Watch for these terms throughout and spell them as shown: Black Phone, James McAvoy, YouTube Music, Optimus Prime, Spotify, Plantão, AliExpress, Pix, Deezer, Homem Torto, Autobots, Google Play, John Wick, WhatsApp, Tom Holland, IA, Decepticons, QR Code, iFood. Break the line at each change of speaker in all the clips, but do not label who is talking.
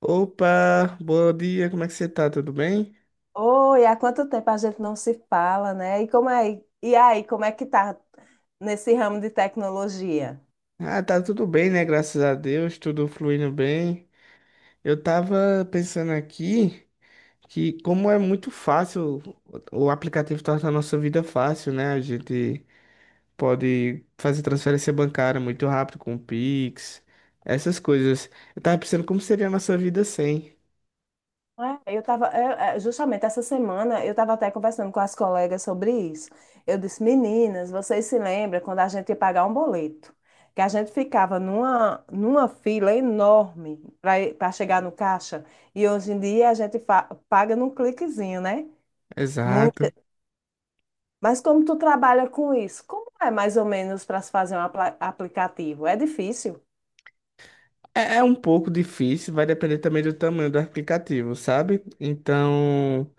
Opa, bom dia, como é que você tá? Tudo bem?
Oi, há quanto tempo a gente não se fala, né? E como é, e aí, como é que tá nesse ramo de tecnologia?
Ah, tá tudo bem, né? Graças a Deus, tudo fluindo bem. Eu tava pensando aqui que como é muito fácil, o aplicativo torna a nossa vida fácil, né? A gente pode fazer transferência bancária muito rápido com o Pix, essas coisas. Eu tava pensando como seria a nossa vida sem.
É, eu tava, é, é, Justamente essa semana eu estava até conversando com as colegas sobre isso. Eu disse, meninas, vocês se lembram quando a gente ia pagar um boleto? Que a gente ficava numa fila enorme para chegar no caixa, e hoje em dia a gente paga num cliquezinho, né?
Exato.
Mas como tu trabalha com isso? Como é mais ou menos para se fazer um aplicativo? É difícil?
É um pouco difícil, vai depender também do tamanho do aplicativo, sabe? Então,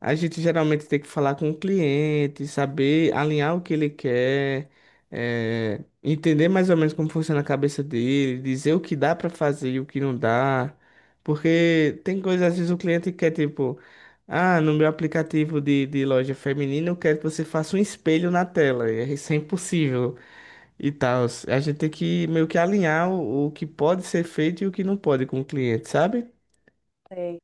a gente geralmente tem que falar com o cliente, saber alinhar o que ele quer, entender mais ou menos como funciona a cabeça dele, dizer o que dá para fazer e o que não dá. Porque tem coisas, às vezes o cliente quer, tipo, ah, no meu aplicativo de loja feminina eu quero que você faça um espelho na tela. E é isso é impossível e tal. A gente tem que meio que alinhar o que pode ser feito e o que não pode com o cliente, sabe?
Sei.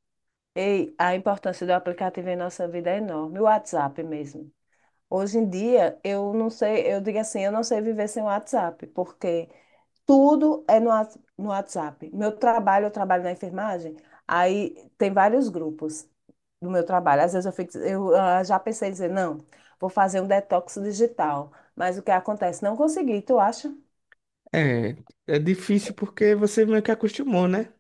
Ei, a importância do aplicativo em nossa vida é enorme. O WhatsApp mesmo. Hoje em dia, eu não sei, eu digo assim, eu não sei viver sem o WhatsApp, porque tudo é no WhatsApp. Meu trabalho, eu trabalho na enfermagem, aí tem vários grupos do meu trabalho. Às vezes eu fico, já pensei em dizer, não, vou fazer um detox digital. Mas o que acontece? Não consegui, tu acha?
É, é difícil porque você meio que acostumou, né?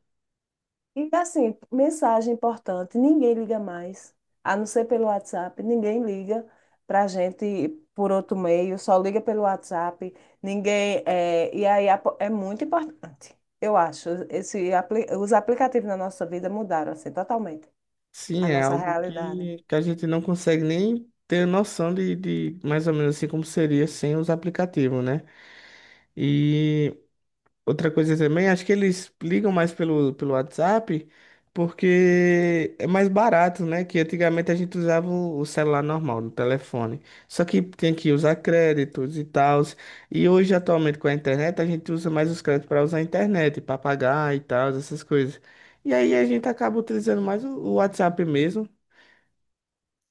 E assim, mensagem importante, ninguém liga mais, a não ser pelo WhatsApp, ninguém liga para a gente por outro meio, só liga pelo WhatsApp, ninguém. É, e aí é muito importante, eu acho. Os aplicativos na nossa vida mudaram assim, totalmente
Sim,
a
é
nossa
algo
realidade.
que a gente não consegue nem ter noção de mais ou menos assim como seria sem os aplicativos, né? E outra coisa também, acho que eles ligam mais pelo WhatsApp porque é mais barato, né? Que antigamente a gente usava o celular normal, no telefone. Só que tem que usar créditos e tal. E hoje, atualmente, com a internet, a gente usa mais os créditos para usar a internet, para pagar e tal, essas coisas. E aí a gente acaba utilizando mais o WhatsApp mesmo,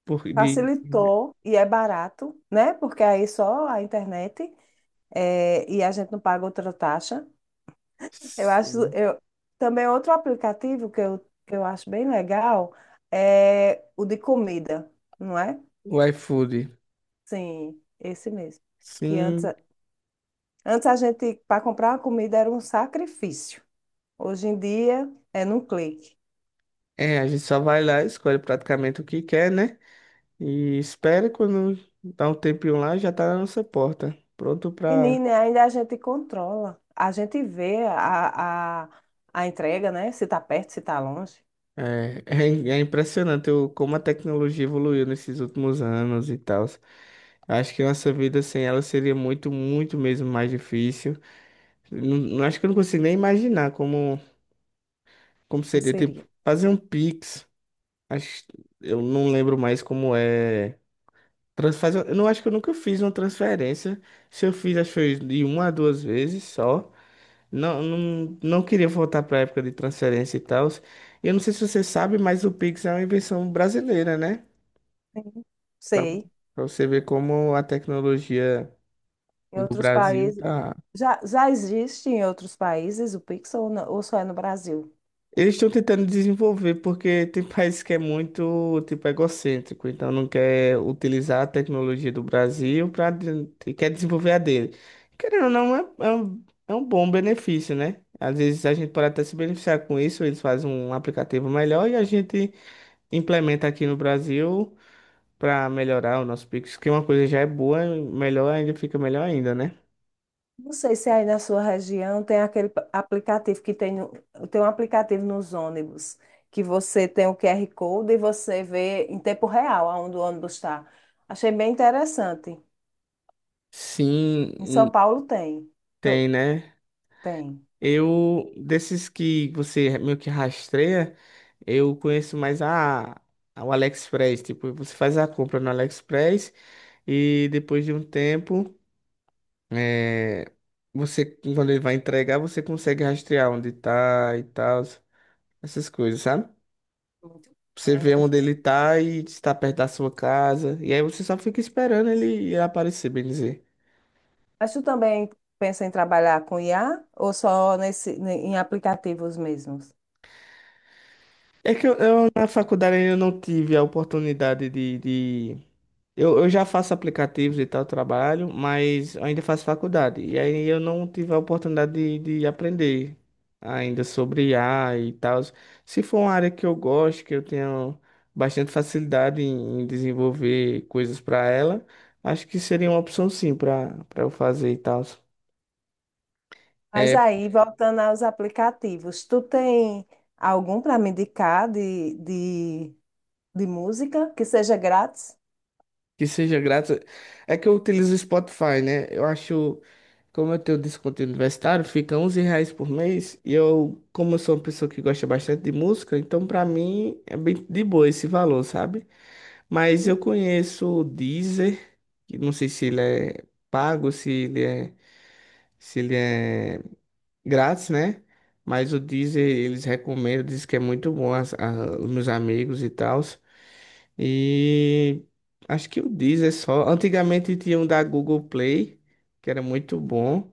por, de,
Facilitou e é barato, né? Porque aí só a internet é, e a gente não paga outra taxa. Eu acho,
Sim.
eu também outro aplicativo que eu acho bem legal é o de comida, não é?
O iFood.
Sim, esse mesmo. Que antes,
Sim,
antes a gente para comprar uma comida era um sacrifício. Hoje em dia é num clique.
é, a gente só vai lá, e escolhe praticamente o que quer, né? E espere quando dá um tempinho lá, já tá na nossa porta. Pronto pra.
Menina, ainda a gente controla. A gente vê a entrega, né? Se está perto, se está longe.
É, é, é impressionante o, como a tecnologia evoluiu nesses últimos anos e tal. Acho que nossa vida sem ela seria muito, muito mesmo mais difícil. Acho que eu não consigo nem imaginar como, como
Como
seria, tipo,
seria?
fazer um Pix. Acho, eu não lembro mais como é. Eu não acho que eu nunca fiz uma transferência. Se eu fiz, acho que foi de uma a duas vezes só. Não, não, não queria voltar para a época de transferência e tal. Eu não sei se você sabe, mas o Pix é uma invenção brasileira, né?
Sim.
Para
Sei.
você ver como a tecnologia
Em
do
outros
Brasil
países
tá.
já, já existe em outros países o Pix ou, ou só é no Brasil?
Eles estão tentando desenvolver porque tem países que é muito, tipo, egocêntrico, então não quer utilizar a tecnologia do Brasil para quer desenvolver a dele. Querendo ou não, é um bom benefício, né? Às vezes a gente pode até se beneficiar com isso, eles fazem um aplicativo melhor e a gente implementa aqui no Brasil para melhorar o nosso Pix, que uma coisa já é boa, melhor ainda fica melhor ainda, né?
Não sei se aí na sua região tem aquele aplicativo que tem, tem um aplicativo nos ônibus, que você tem o QR Code e você vê em tempo real aonde o ônibus está. Achei bem interessante.
Sim,
Em São
hum.
Paulo tem.
Tem,
Tô-
né?
Tem.
Eu, desses que você meio que rastreia, eu conheço mais o AliExpress. Tipo, você faz a compra no AliExpress e depois de um tempo, é, você, quando ele vai entregar, você consegue rastrear onde tá e tal, essas coisas, sabe?
Muito bom.
Você vê
É.
onde ele tá e se tá perto da sua casa. E aí você só fica esperando ele aparecer, bem dizer.
Mas tu também pensa em trabalhar com IA ou só nesse, em aplicativos mesmos?
É que na faculdade ainda não tive a oportunidade de... Eu já faço aplicativos e tal, trabalho, mas ainda faço faculdade. E aí eu não tive a oportunidade de aprender ainda sobre I a e tal. Se for uma área que eu gosto, que eu tenho bastante facilidade em desenvolver coisas para ela, acho que seria uma opção sim para eu fazer e tal.
Mas
É,
aí, voltando aos aplicativos, tu tem algum para me indicar de música que seja grátis?
que seja grátis. É que eu utilizo o Spotify, né? Eu acho, como eu tenho desconto universitário, fica 11 reais por mês. E eu, como eu sou uma pessoa que gosta bastante de música, então pra mim é bem de boa esse valor, sabe? Mas eu
Sim.
conheço o Deezer, que não sei se ele é pago, se ele é grátis, né? Mas o Deezer eles recomendam, dizem que é muito bom os meus amigos e tal. E acho que o Deezer é só. Antigamente tinha um da Google Play, que era muito bom.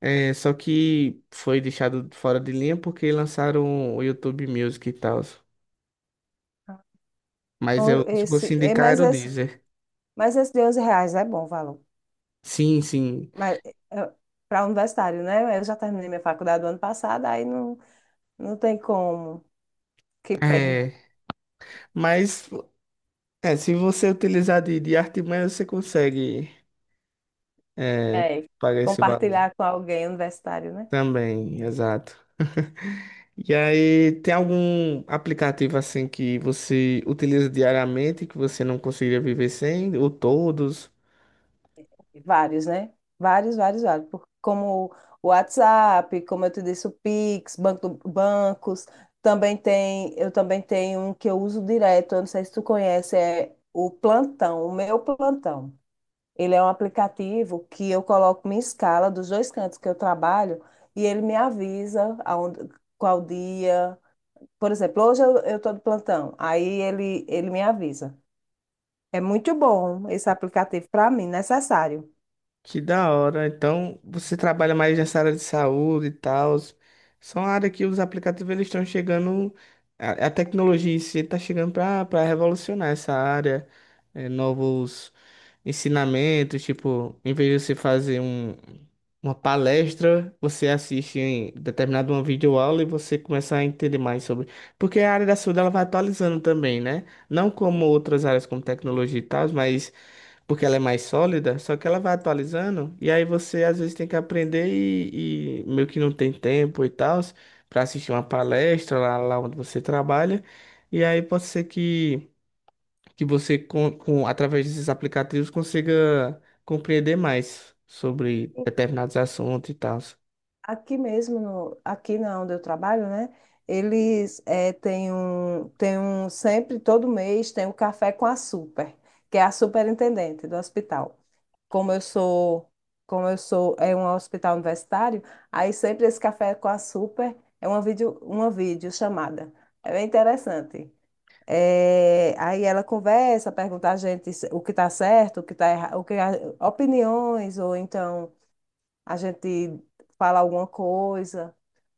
É, só que foi deixado fora de linha porque lançaram o YouTube Music e tal. Mas
Ou
eu, se fosse
Esse, é,
indicar, era o Deezer.
mas esse de R$ 11 é bom o valor.
Sim, sim.
Mas para universitário, né? Eu já terminei minha faculdade do ano passado, aí não, não tem como. Que pena.
É, mas se você utilizar de artimanha, você consegue é,
É,
pagar esse valor
compartilhar com alguém universitário, né?
também, exato. E aí, tem algum aplicativo assim que você utiliza diariamente que você não conseguiria viver sem? Ou todos?
Vários, né? Vários, vários, vários. Como o WhatsApp, como eu te disse, o Pix, banco, bancos. Também tem, eu também tenho um que eu uso direto, eu não sei se tu conhece, é o Plantão, o meu Plantão. Ele é um aplicativo que eu coloco minha escala dos dois cantos que eu trabalho e ele me avisa aonde, qual dia. Por exemplo, hoje eu tô de plantão, aí ele me avisa. É muito bom esse aplicativo para mim, necessário.
Que da hora. Então, você trabalha mais nessa área de saúde e tal. São áreas que os aplicativos eles estão chegando. A tecnologia em si está chegando para revolucionar essa área. É, novos ensinamentos, tipo, em vez de você fazer uma palestra, você assiste em determinado uma videoaula e você começa a entender mais sobre. Porque a área da saúde ela vai atualizando também, né? Não como outras áreas como tecnologia e tal, mas porque ela é mais sólida, só que ela vai atualizando, e aí você às vezes tem que aprender e meio que não tem tempo e tal, para assistir uma palestra lá, lá onde você trabalha, e aí pode ser que você, através desses aplicativos, consiga compreender mais sobre determinados assuntos e tal.
Aqui mesmo, no, aqui na onde eu trabalho, né? Eles têm um, sempre, todo mês, tem o café com a super, que é a superintendente do hospital. Como eu sou, é um hospital universitário, aí sempre esse café com a super é uma uma videochamada. É bem interessante. É, aí ela conversa, pergunta a gente o que está certo, o que está errado, opiniões, ou então a gente fala alguma coisa.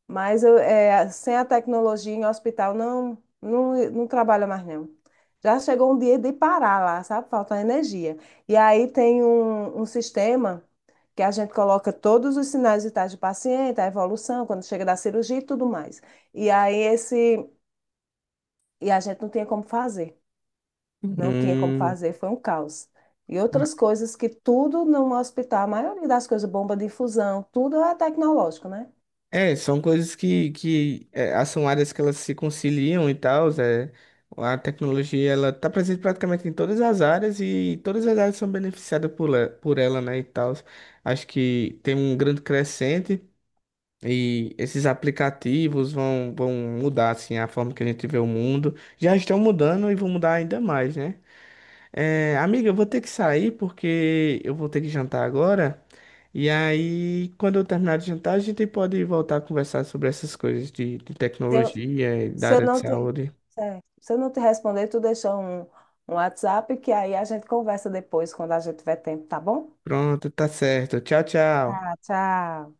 Mas eu, é, sem a tecnologia em hospital, não, não, não trabalha mais não. Já chegou um dia de parar lá, sabe? Falta energia. E aí tem um sistema que a gente coloca todos os sinais vitais do paciente, a evolução, quando chega da cirurgia e tudo mais. E aí esse, e a gente não tinha como fazer, foi um caos. E outras coisas que tudo no hospital, a maioria das coisas, bomba de infusão, tudo é tecnológico, né?
É, são coisas que são áreas que elas se conciliam e tal. É, a tecnologia ela tá presente praticamente em todas as áreas e todas as áreas são beneficiadas por, por ela, né, e tal. Acho que tem um grande crescente e esses aplicativos vão mudar assim a forma que a gente vê o mundo. Já estão mudando e vão mudar ainda mais, né? É, amiga, eu vou ter que sair porque eu vou ter que jantar agora. E aí, quando eu terminar de jantar, a gente pode voltar a conversar sobre essas coisas de
Se eu,
tecnologia e da
se eu
área de
não te,
saúde.
certo. Se eu não te responder, tu deixa um WhatsApp que aí a gente conversa depois, quando a gente tiver tempo, tá bom?
Pronto, tá certo. Tchau, tchau.
Tá, tchau.